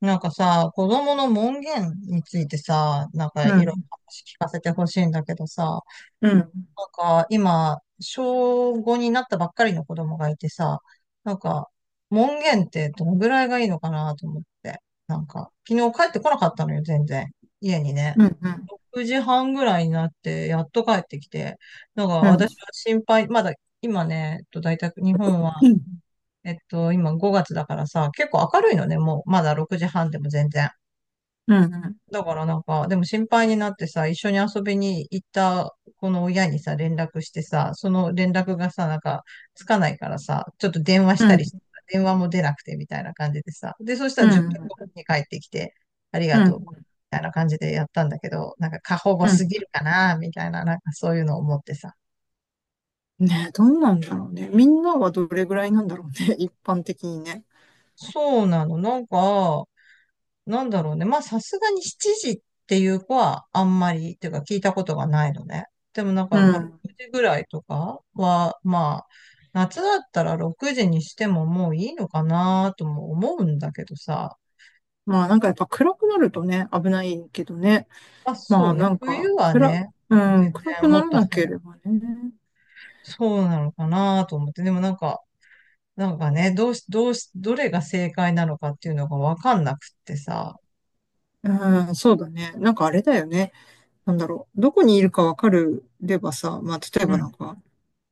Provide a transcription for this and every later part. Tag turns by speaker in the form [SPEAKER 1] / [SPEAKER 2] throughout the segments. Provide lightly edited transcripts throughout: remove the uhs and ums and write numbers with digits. [SPEAKER 1] なんかさ、子供の門限についてさ、なんかい
[SPEAKER 2] う
[SPEAKER 1] ろいろ
[SPEAKER 2] ん、
[SPEAKER 1] 話聞かせてほしいんだけどさ、
[SPEAKER 2] うん、
[SPEAKER 1] なんか今、小5になったばっかりの子供がいてさ、なんか門限ってどのぐらいがいいのかなと思って。なんか、昨日帰ってこなかったのよ、全然。家にね。
[SPEAKER 2] うん、うん、
[SPEAKER 1] 6時半ぐらいになって、やっと帰ってきて。なんか
[SPEAKER 2] う
[SPEAKER 1] 私
[SPEAKER 2] ん、
[SPEAKER 1] は心配、まだ今ね、大体日本は、
[SPEAKER 2] うん、
[SPEAKER 1] 今5月だからさ、結構明るいのね、もう、まだ6時半でも全然。
[SPEAKER 2] うん、
[SPEAKER 1] だからなんか、でも心配になってさ、一緒に遊びに行ったこの親にさ、連絡してさ、その連絡がさ、なんか、つかないからさ、ちょっと電話し
[SPEAKER 2] う
[SPEAKER 1] たり
[SPEAKER 2] ん、
[SPEAKER 1] して、電話も出なくてみたいな感じでさ、で、そした
[SPEAKER 2] う
[SPEAKER 1] ら10分
[SPEAKER 2] ん、
[SPEAKER 1] 後に帰ってきて、ありが
[SPEAKER 2] う
[SPEAKER 1] とう、み
[SPEAKER 2] ん、
[SPEAKER 1] たいな感じでやったんだけど、なんか過保護
[SPEAKER 2] うん。
[SPEAKER 1] すぎるかな、みたいな、なんかそういうのを思ってさ。
[SPEAKER 2] ねえ、どうなんだろうね。みんなはどれぐらいなんだろうね。一般的にね。
[SPEAKER 1] そうなの、なんか、なんだろうね。まあ、さすがに7時っていう子はあんまり、っていうか聞いたことがないのね。でもなん
[SPEAKER 2] う
[SPEAKER 1] か、まあ、
[SPEAKER 2] ん。
[SPEAKER 1] 6時ぐらいとかは、まあ、夏だったら6時にしてももういいのかなとも思うんだけどさ。
[SPEAKER 2] まあなんかやっぱ暗くなるとね、危ないけどね。
[SPEAKER 1] まあ、
[SPEAKER 2] ま
[SPEAKER 1] そ
[SPEAKER 2] あ
[SPEAKER 1] うね。
[SPEAKER 2] なんか、
[SPEAKER 1] 冬はね、
[SPEAKER 2] うん、
[SPEAKER 1] 全
[SPEAKER 2] 暗く
[SPEAKER 1] 然
[SPEAKER 2] な
[SPEAKER 1] もっ
[SPEAKER 2] ら
[SPEAKER 1] と
[SPEAKER 2] なけ
[SPEAKER 1] 早く。
[SPEAKER 2] ればね。
[SPEAKER 1] そうなのかなと思って。でもなんか、なんかね、どうし、どうし、どれが正解なのかっていうのがわかんなくってさ。
[SPEAKER 2] うん、そうだね。なんかあれだよね。なんだろう。どこにいるかわかればさ、まあ、例え
[SPEAKER 1] う
[SPEAKER 2] ばな
[SPEAKER 1] ん。
[SPEAKER 2] んか、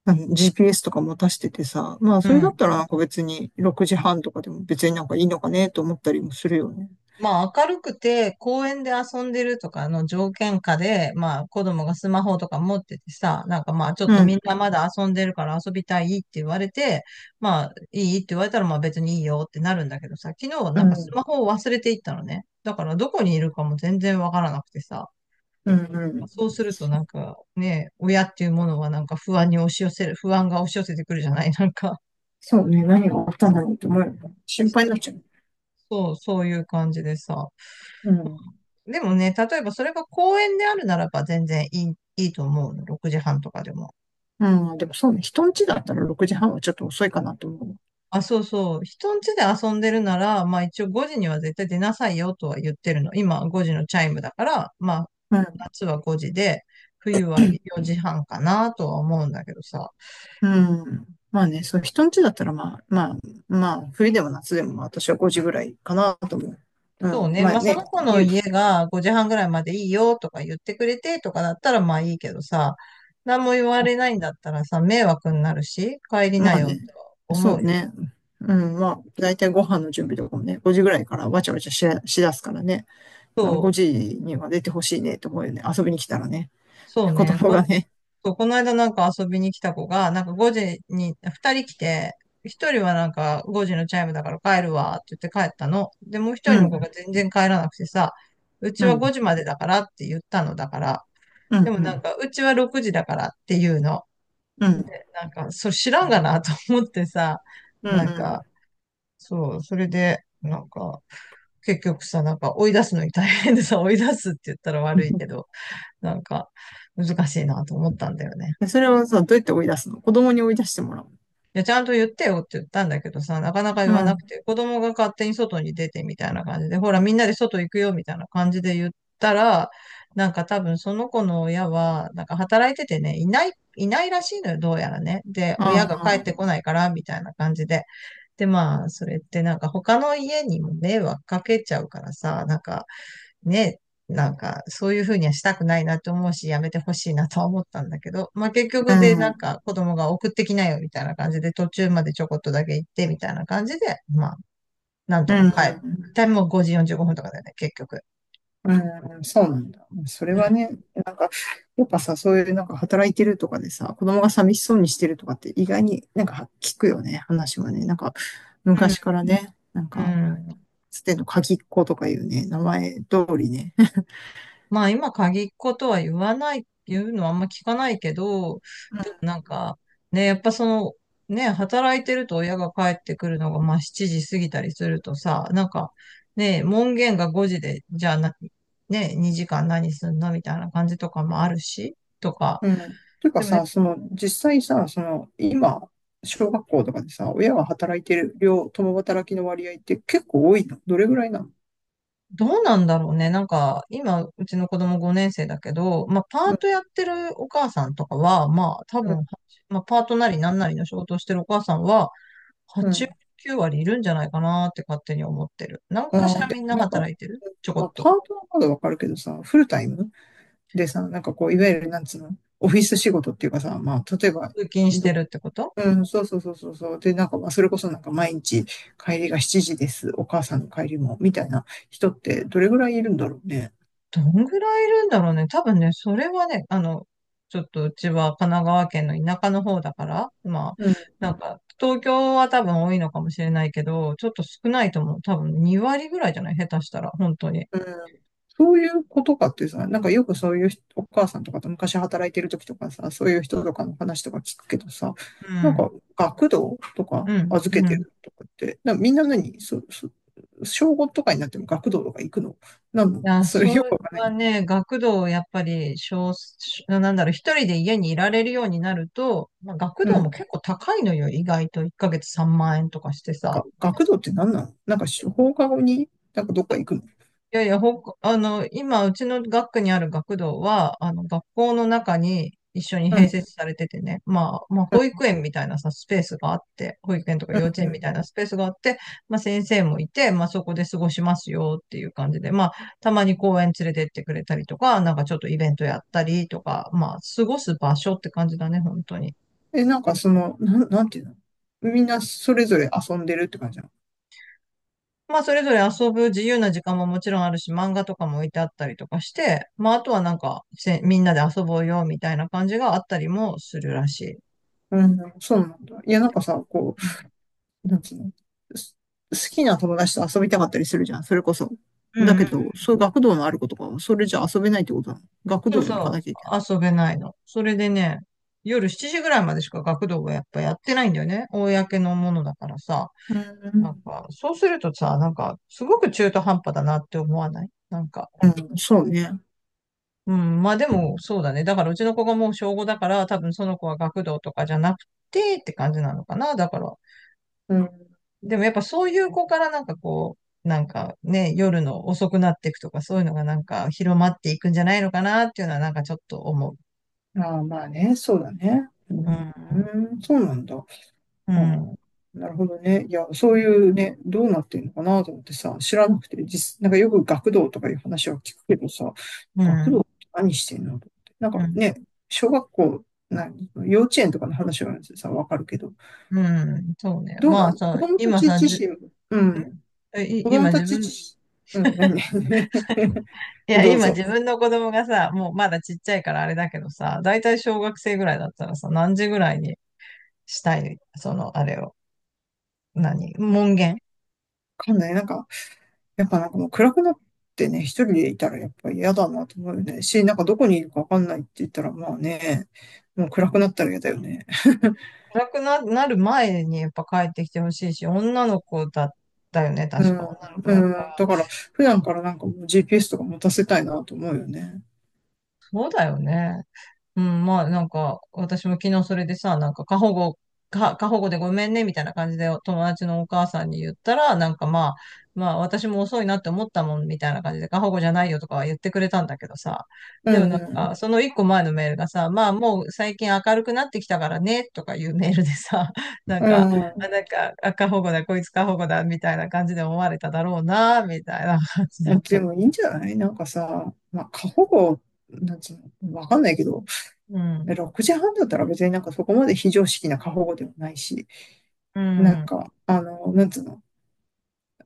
[SPEAKER 2] あの GPS とか持たしててさ、まあ
[SPEAKER 1] う
[SPEAKER 2] それだっ
[SPEAKER 1] ん。
[SPEAKER 2] たらなんか別に6時半とかでも別になんかいいのかねと思ったりもするよね。
[SPEAKER 1] まあ明るくて公園で遊んでるとかの条件下で、まあ子供がスマホとか持っててさ、なんかまあちょっ
[SPEAKER 2] う
[SPEAKER 1] とみん
[SPEAKER 2] ん、
[SPEAKER 1] なまだ遊んでるから遊びたいって言われて、まあいいって言われたらまあ別にいいよってなるんだけどさ、昨日
[SPEAKER 2] う
[SPEAKER 1] なんかスマ
[SPEAKER 2] ん、
[SPEAKER 1] ホを忘れていったのね。だからどこにいるかも全然わからなくてさ、
[SPEAKER 2] うん、う
[SPEAKER 1] そ
[SPEAKER 2] ん。
[SPEAKER 1] うするとなんかね、親っていうものはなんか不安に押し寄せる、不安が押し寄せてくるじゃない、なんか、
[SPEAKER 2] そうね、何があったんだろうと思うよね。心配になっちゃう。
[SPEAKER 1] そう、そういう感じでさ。
[SPEAKER 2] うん。
[SPEAKER 1] でもね、例えばそれが公園であるならば全然いいと思うの。6時半とかでも。
[SPEAKER 2] うん、でもそうね、人ん家だったら6時半はちょっと遅いかなと思う。
[SPEAKER 1] あ、そうそう。人ん家で遊んでるなら、まあ一応5時には絶対出なさいよとは言ってるの。今5時のチャイムだから、まあ
[SPEAKER 2] うん、
[SPEAKER 1] 夏は5時で、冬は4時半かなとは思うんだけどさ。
[SPEAKER 2] うん。まあ
[SPEAKER 1] う
[SPEAKER 2] ね、そう、
[SPEAKER 1] ん、
[SPEAKER 2] 人ん家だったらまあ、冬でも夏でもまあ私は5時ぐらいかなと思う。う
[SPEAKER 1] そ
[SPEAKER 2] ん、
[SPEAKER 1] うね。
[SPEAKER 2] まあ
[SPEAKER 1] まあそ
[SPEAKER 2] ね、
[SPEAKER 1] の子の
[SPEAKER 2] ゆ、
[SPEAKER 1] 家が5時半ぐらいまでいいよとか言ってくれてとかだったらまあいいけどさ、何も言われないんだったらさ、迷惑になるし、帰り
[SPEAKER 2] ま
[SPEAKER 1] な
[SPEAKER 2] あ
[SPEAKER 1] よ
[SPEAKER 2] ね。
[SPEAKER 1] とは
[SPEAKER 2] そ
[SPEAKER 1] 思
[SPEAKER 2] う
[SPEAKER 1] うよね。
[SPEAKER 2] ね。うん、まあ、だいたいご飯の準備とかもね、5時ぐらいからわちゃわちゃしだすからね。まあ、
[SPEAKER 1] そ
[SPEAKER 2] 5
[SPEAKER 1] う。
[SPEAKER 2] 時には出てほしいねと思うよね。遊びに来たらね。
[SPEAKER 1] そう
[SPEAKER 2] 子
[SPEAKER 1] ね。
[SPEAKER 2] 供がね。
[SPEAKER 1] そう、この間なんか遊びに来た子が、なんか5時に2人来て、1人はなんか5時のチャイムだから帰るわって言って帰ったの。で、もう1人
[SPEAKER 2] う
[SPEAKER 1] の子
[SPEAKER 2] ん、
[SPEAKER 1] が全然帰らなくてさ、うち
[SPEAKER 2] う
[SPEAKER 1] は5
[SPEAKER 2] ん、
[SPEAKER 1] 時までだからって言ったのだから、
[SPEAKER 2] う
[SPEAKER 1] で
[SPEAKER 2] ん、
[SPEAKER 1] も
[SPEAKER 2] う
[SPEAKER 1] なん
[SPEAKER 2] ん、
[SPEAKER 1] かうちは6時だからっていうの。
[SPEAKER 2] うん、
[SPEAKER 1] なんか、それ知らんがなと思ってさ、
[SPEAKER 2] う
[SPEAKER 1] な
[SPEAKER 2] ん、
[SPEAKER 1] ん
[SPEAKER 2] う
[SPEAKER 1] か、
[SPEAKER 2] ん。
[SPEAKER 1] そう、それで、なんか、結局さ、なんか追い出すのに大変でさ、追い出すって言ったら悪いけど、なんか難しいなと思ったんだよね。
[SPEAKER 2] でそれをさ、どうやって追い出すの？子供に追い出してもらう？
[SPEAKER 1] いや、ちゃんと言ってよって言ったんだけどさ、なかなか言
[SPEAKER 2] う
[SPEAKER 1] わなく
[SPEAKER 2] ん。
[SPEAKER 1] て、子供が勝手に外に出てみたいな感じで、ほら、みんなで外行くよみたいな感じで言ったら、なんか多分その子の親は、なんか働いててね、いないらしいのよ、どうやらね。で、親が帰っ
[SPEAKER 2] あ
[SPEAKER 1] て
[SPEAKER 2] あ、
[SPEAKER 1] こないから、みたいな感じで。で、まあ、それってなんか他の家にも迷惑かけちゃうからさ、なんか、ね、なんか、そういうふうにはしたくないなと思うし、やめてほしいなとは思ったんだけど、まあ結
[SPEAKER 2] う
[SPEAKER 1] 局でなん
[SPEAKER 2] ん、
[SPEAKER 1] か子供が送ってきなよみたいな感じで、途中までちょこっとだけ行ってみたいな感じで、まあ、なん
[SPEAKER 2] う
[SPEAKER 1] とか帰る。
[SPEAKER 2] ん、
[SPEAKER 1] タイムも5時45分とかだよね、結局。
[SPEAKER 2] うん、そうなんだ。そ
[SPEAKER 1] う
[SPEAKER 2] れは
[SPEAKER 1] ん。
[SPEAKER 2] ね、やっぱさ、そういうなんか働いてるとかでさ、子供が寂しそうにしてるとかって意外になんか聞くよね、話はね。なんか
[SPEAKER 1] うん。
[SPEAKER 2] 昔からね、なん
[SPEAKER 1] う
[SPEAKER 2] か、
[SPEAKER 1] ん。
[SPEAKER 2] つての鍵っ子とかいうね、名前通りね。
[SPEAKER 1] まあ今限っ子とは言わない、言うのはあんま聞かないけど、でもなんか、ね、やっぱその、ね、働いてると親が帰ってくるのがまあ7時過ぎたりするとさ、なんか、ね、門限が5時で、じゃあな、ね、2時間何すんのみたいな感じとかもあるし、とか。
[SPEAKER 2] うん。うんていうか
[SPEAKER 1] でもね、
[SPEAKER 2] さ、その実際さ、その今、小学校とかでさ、親が働いてる量、共働きの割合って結構多いの？どれぐらいなの？
[SPEAKER 1] どうなんだろうね。なんか、今、うちの子供5年生だけど、まあ、パ
[SPEAKER 2] う
[SPEAKER 1] ー
[SPEAKER 2] ん、
[SPEAKER 1] トやってるお母さんとかは、まあ、多
[SPEAKER 2] うん、
[SPEAKER 1] 分、まあ、パートなりなんなりの仕事をしてるお母さんは、
[SPEAKER 2] う
[SPEAKER 1] 8割、
[SPEAKER 2] ん。
[SPEAKER 1] 9割いるんじゃないかなって勝手に思ってる。なんかし
[SPEAKER 2] ああ、
[SPEAKER 1] ら
[SPEAKER 2] で
[SPEAKER 1] みん
[SPEAKER 2] も
[SPEAKER 1] な
[SPEAKER 2] なんか、
[SPEAKER 1] 働いてるちょこ
[SPEAKER 2] まあ、
[SPEAKER 1] っ
[SPEAKER 2] パ
[SPEAKER 1] と。
[SPEAKER 2] ートはまだわかるけどさ、フルタイムでさ、なんかこう、いわゆる、なんつうの、オフィス仕事っていうかさ、まあ、例えば、
[SPEAKER 1] 通勤して
[SPEAKER 2] ど、
[SPEAKER 1] るってこと、
[SPEAKER 2] うん、そうそうそうそうそう。で、なんか、まあ、それこそなんか毎日帰りが7時です、お母さんの帰りも、みたいな人ってどれぐらいいるんだろうね。
[SPEAKER 1] どんぐらいいるんだろうね。多分ね、それはね、ちょっとうちは神奈川県の田舎の方だから、まあ、
[SPEAKER 2] うん、
[SPEAKER 1] なんか、東京は多分多いのかもしれないけど、ちょっと少ないと思う。多分2割ぐらいじゃない下手したら、本当に。
[SPEAKER 2] うん。そういうことかってさ、なんかよくそういう人お母さんとかと昔働いてる時とかさ、そういう人とかの話とか聞くけどさ、
[SPEAKER 1] う
[SPEAKER 2] なん
[SPEAKER 1] ん、
[SPEAKER 2] か学童とか
[SPEAKER 1] うん、
[SPEAKER 2] 預け
[SPEAKER 1] う
[SPEAKER 2] て
[SPEAKER 1] ん。
[SPEAKER 2] るとかって、みんな何そ、そ、小5とかになっても学童とか行くの？なの、
[SPEAKER 1] いや、
[SPEAKER 2] それ
[SPEAKER 1] そ
[SPEAKER 2] よく
[SPEAKER 1] れ
[SPEAKER 2] わかんな
[SPEAKER 1] は
[SPEAKER 2] い。
[SPEAKER 1] ね、学童をやっぱり少数、なんだろう、一人で家にいられるようになると、まあ、学
[SPEAKER 2] うん。
[SPEAKER 1] 童
[SPEAKER 2] な
[SPEAKER 1] も
[SPEAKER 2] ん
[SPEAKER 1] 結構高いのよ、意外と。1ヶ月3万円とかしてさ。
[SPEAKER 2] か学童って何なの？なんか放課後になんかどっか行くの？
[SPEAKER 1] いやいや、ほかあの、今、うちの学区にある学童は、学校の中に一緒に
[SPEAKER 2] う
[SPEAKER 1] 併
[SPEAKER 2] ん、
[SPEAKER 1] 設されててね、まあ、まあ、
[SPEAKER 2] うん、
[SPEAKER 1] 保育園みたいなさ、スペースがあって、保育園とか
[SPEAKER 2] うん、
[SPEAKER 1] 幼稚園み
[SPEAKER 2] う
[SPEAKER 1] たいなスペースがあって、まあ、先生もいて、まあ、そこで過ごしますよっていう感じで、まあ、たまに公園連れてってくれたりとか、なんかちょっとイベントやったりとか、まあ、過ごす場所って感じだね、本当に。
[SPEAKER 2] ん。え、なんかその、なんていうの、みんなそれぞれ遊んでるって感じなの？
[SPEAKER 1] まあ、それぞれ遊ぶ自由な時間ももちろんあるし、漫画とかも置いてあったりとかして、まあ、あとはなんか、みんなで遊ぼうよみたいな感じがあったりもするらしい。
[SPEAKER 2] うん、そうなんだ。いや、なんかさ、こ
[SPEAKER 1] うん。
[SPEAKER 2] う、なんつうのす好きな友達と遊びたかったりするじゃん、それこそ。
[SPEAKER 1] う
[SPEAKER 2] だ
[SPEAKER 1] んう
[SPEAKER 2] け
[SPEAKER 1] ん。
[SPEAKER 2] ど、そういう学童のある子とかは、それじゃ遊べないってことなの？学
[SPEAKER 1] そう
[SPEAKER 2] 童に行か
[SPEAKER 1] そ
[SPEAKER 2] なきゃいけない？
[SPEAKER 1] う。遊べないの。それでね、夜7時ぐらいまでしか学童はやっぱやってないんだよね。公のものだからさ。
[SPEAKER 2] う
[SPEAKER 1] なん
[SPEAKER 2] ん、
[SPEAKER 1] か、そうするとさ、なんか、すごく中途半端だなって思わないなんか、
[SPEAKER 2] うん、そうね。
[SPEAKER 1] うん。まあでも、そうだね。だからうちの子がもう小午だから、多分その子は学童とかじゃなくてって感じなのかな。だから、
[SPEAKER 2] うん。
[SPEAKER 1] でもやっぱそういう子からなんかこう、なんかね、夜の遅くなっていくとか、そういうのがなんか広まっていくんじゃないのかなっていうのはなんかちょっと思う。
[SPEAKER 2] ああ、まあね、そうだね。う
[SPEAKER 1] うん。
[SPEAKER 2] ん、そうなんだ。あ
[SPEAKER 1] う
[SPEAKER 2] あ、
[SPEAKER 1] ん。
[SPEAKER 2] なるほどね。いや、そういうね、どうなってるのかなと思ってさ、知らなくて、なんかよく学童とかいう話は聞くけどさ、
[SPEAKER 1] う
[SPEAKER 2] 学童っ
[SPEAKER 1] ん。
[SPEAKER 2] て何してんのと思って。なん
[SPEAKER 1] う
[SPEAKER 2] か
[SPEAKER 1] ん。
[SPEAKER 2] ね、小学校、何、幼稚園とかの話はさ、わかるけど、
[SPEAKER 1] うん、そうね。
[SPEAKER 2] どう
[SPEAKER 1] まあ
[SPEAKER 2] なの子
[SPEAKER 1] さ、
[SPEAKER 2] 供た
[SPEAKER 1] 今
[SPEAKER 2] ち
[SPEAKER 1] さ、
[SPEAKER 2] 自
[SPEAKER 1] じゅ、ん
[SPEAKER 2] 身、うん、
[SPEAKER 1] えい
[SPEAKER 2] 子供
[SPEAKER 1] 今
[SPEAKER 2] た
[SPEAKER 1] 自
[SPEAKER 2] ち
[SPEAKER 1] 分、
[SPEAKER 2] 自身、うん、ね
[SPEAKER 1] い や、
[SPEAKER 2] どう
[SPEAKER 1] 今自
[SPEAKER 2] ぞ。
[SPEAKER 1] 分の子供がさ、もうまだちっちゃいからあれだけどさ、だいたい小学生ぐらいだったらさ、何時ぐらいにしたい、その、あれを、何、門限、
[SPEAKER 2] わかんない。なんか、やっぱなんかもう暗くなってね、一人でいたらやっぱ嫌だなと思うよね。なんかどこにいるかわかんないって言ったらまあね、もう暗くなったら嫌だよね。
[SPEAKER 1] 暗くなる前にやっぱ帰ってきてほしいし、女の子だったよね、
[SPEAKER 2] う
[SPEAKER 1] 確か。
[SPEAKER 2] ん、
[SPEAKER 1] 女の子だった
[SPEAKER 2] うん。
[SPEAKER 1] ら。
[SPEAKER 2] だから普段からなんかもう GPS とか持たせたいなと思うよね。
[SPEAKER 1] そうだよね。うん、まあなんか、私も昨日それでさ、なんか過保護でごめんね、みたいな感じで友達のお母さんに言ったら、なんかまあ、まあ私も遅いなって思ったもん、みたいな感じで、過保護じゃないよとかは言ってくれたんだけどさ。
[SPEAKER 2] うん、
[SPEAKER 1] でもなん
[SPEAKER 2] うん。
[SPEAKER 1] か、その一個前のメールがさ、まあもう最近明るくなってきたからね、とかいうメールでさ、なん
[SPEAKER 2] う
[SPEAKER 1] か、あ、
[SPEAKER 2] ん。
[SPEAKER 1] なんか、あ過保護だ、こいつ過保護だ、みたいな感じで思われただろうな、みたいな感じだった
[SPEAKER 2] で
[SPEAKER 1] の。
[SPEAKER 2] もいいんじゃない？なんかさ、まあ過保護、なんつうの、わかんないけど、
[SPEAKER 1] うん。
[SPEAKER 2] 6時半だったら別になんかそこまで非常識な過保護でもないし、
[SPEAKER 1] う
[SPEAKER 2] なん
[SPEAKER 1] ん。
[SPEAKER 2] か、なんつうの、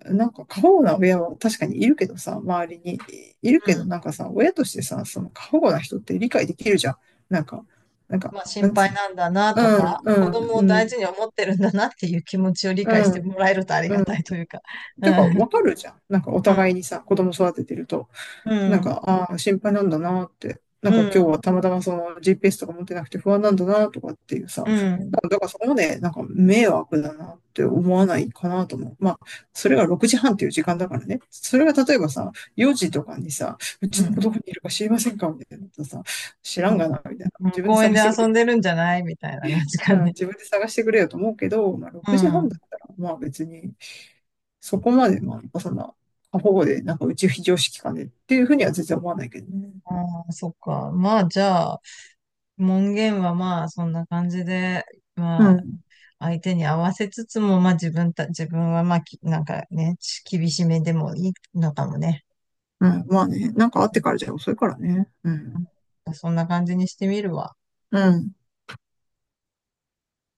[SPEAKER 2] なんか過保護な親は確かにいるけどさ、周りにいる
[SPEAKER 1] う
[SPEAKER 2] けど、
[SPEAKER 1] ん。
[SPEAKER 2] なんかさ、親としてさ、その過保護な人って理解できるじゃん。なんか、なんか、
[SPEAKER 1] まあ
[SPEAKER 2] な
[SPEAKER 1] 心
[SPEAKER 2] んつ
[SPEAKER 1] 配
[SPEAKER 2] うの。
[SPEAKER 1] なんだなとか、子
[SPEAKER 2] うん、う
[SPEAKER 1] 供
[SPEAKER 2] ん、
[SPEAKER 1] を
[SPEAKER 2] う
[SPEAKER 1] 大
[SPEAKER 2] ん、
[SPEAKER 1] 事に思ってるんだなっていう気持ちを理
[SPEAKER 2] う
[SPEAKER 1] 解しても
[SPEAKER 2] ん、
[SPEAKER 1] らえるとあり
[SPEAKER 2] う
[SPEAKER 1] が
[SPEAKER 2] ん。
[SPEAKER 1] たいというか。う
[SPEAKER 2] て
[SPEAKER 1] ん、
[SPEAKER 2] か、わかるじゃん。なんかお
[SPEAKER 1] うん、
[SPEAKER 2] 互いにさ、子供育ててると。
[SPEAKER 1] う
[SPEAKER 2] なん
[SPEAKER 1] ん、
[SPEAKER 2] か、ああ、心配なんだなって。な
[SPEAKER 1] う
[SPEAKER 2] んか今日
[SPEAKER 1] ん、
[SPEAKER 2] はたまたまその GPS とか持ってなくて不安なんだなとかっていう
[SPEAKER 1] う
[SPEAKER 2] さ。な
[SPEAKER 1] ん、
[SPEAKER 2] んかだからそこまでなんか迷惑だなって思わないかなと思う。まあ、それが6時半っていう時間だからね。それが例えばさ、4
[SPEAKER 1] う
[SPEAKER 2] 時
[SPEAKER 1] ん、
[SPEAKER 2] とかにさ、う
[SPEAKER 1] う
[SPEAKER 2] ちの子
[SPEAKER 1] ん、
[SPEAKER 2] どこにいるか知りませんかみたいなことさ、知ら
[SPEAKER 1] う
[SPEAKER 2] んが
[SPEAKER 1] ん、
[SPEAKER 2] な、みたいな。
[SPEAKER 1] う
[SPEAKER 2] 自
[SPEAKER 1] ん、
[SPEAKER 2] 分で
[SPEAKER 1] 公園
[SPEAKER 2] 探
[SPEAKER 1] で
[SPEAKER 2] してくれ
[SPEAKER 1] 遊んで
[SPEAKER 2] よ。
[SPEAKER 1] るんじゃないみたいな感じか
[SPEAKER 2] うん、
[SPEAKER 1] ね。
[SPEAKER 2] 自分で探してくれよと思うけど、まあ
[SPEAKER 1] うん。
[SPEAKER 2] 6時半だ
[SPEAKER 1] あ
[SPEAKER 2] ったら、まあ別に、そこまで、まあ、そんな、過保護で、なんかうち非常識かねっていうふうには全然思わないけどね。
[SPEAKER 1] あ、そっか。まあ、じゃあ、門限はまあ、そんな感じで、
[SPEAKER 2] う
[SPEAKER 1] まあ、
[SPEAKER 2] ん。
[SPEAKER 1] 相手に合わせつつも、まあ、自分はまあ、なんかね、厳しめでもいいのかもね。
[SPEAKER 2] うん。まあね。なんかあっ
[SPEAKER 1] な
[SPEAKER 2] て
[SPEAKER 1] ん
[SPEAKER 2] からじゃ遅いからね。うん。
[SPEAKER 1] かそんな感じにしてみるわ。
[SPEAKER 2] うん。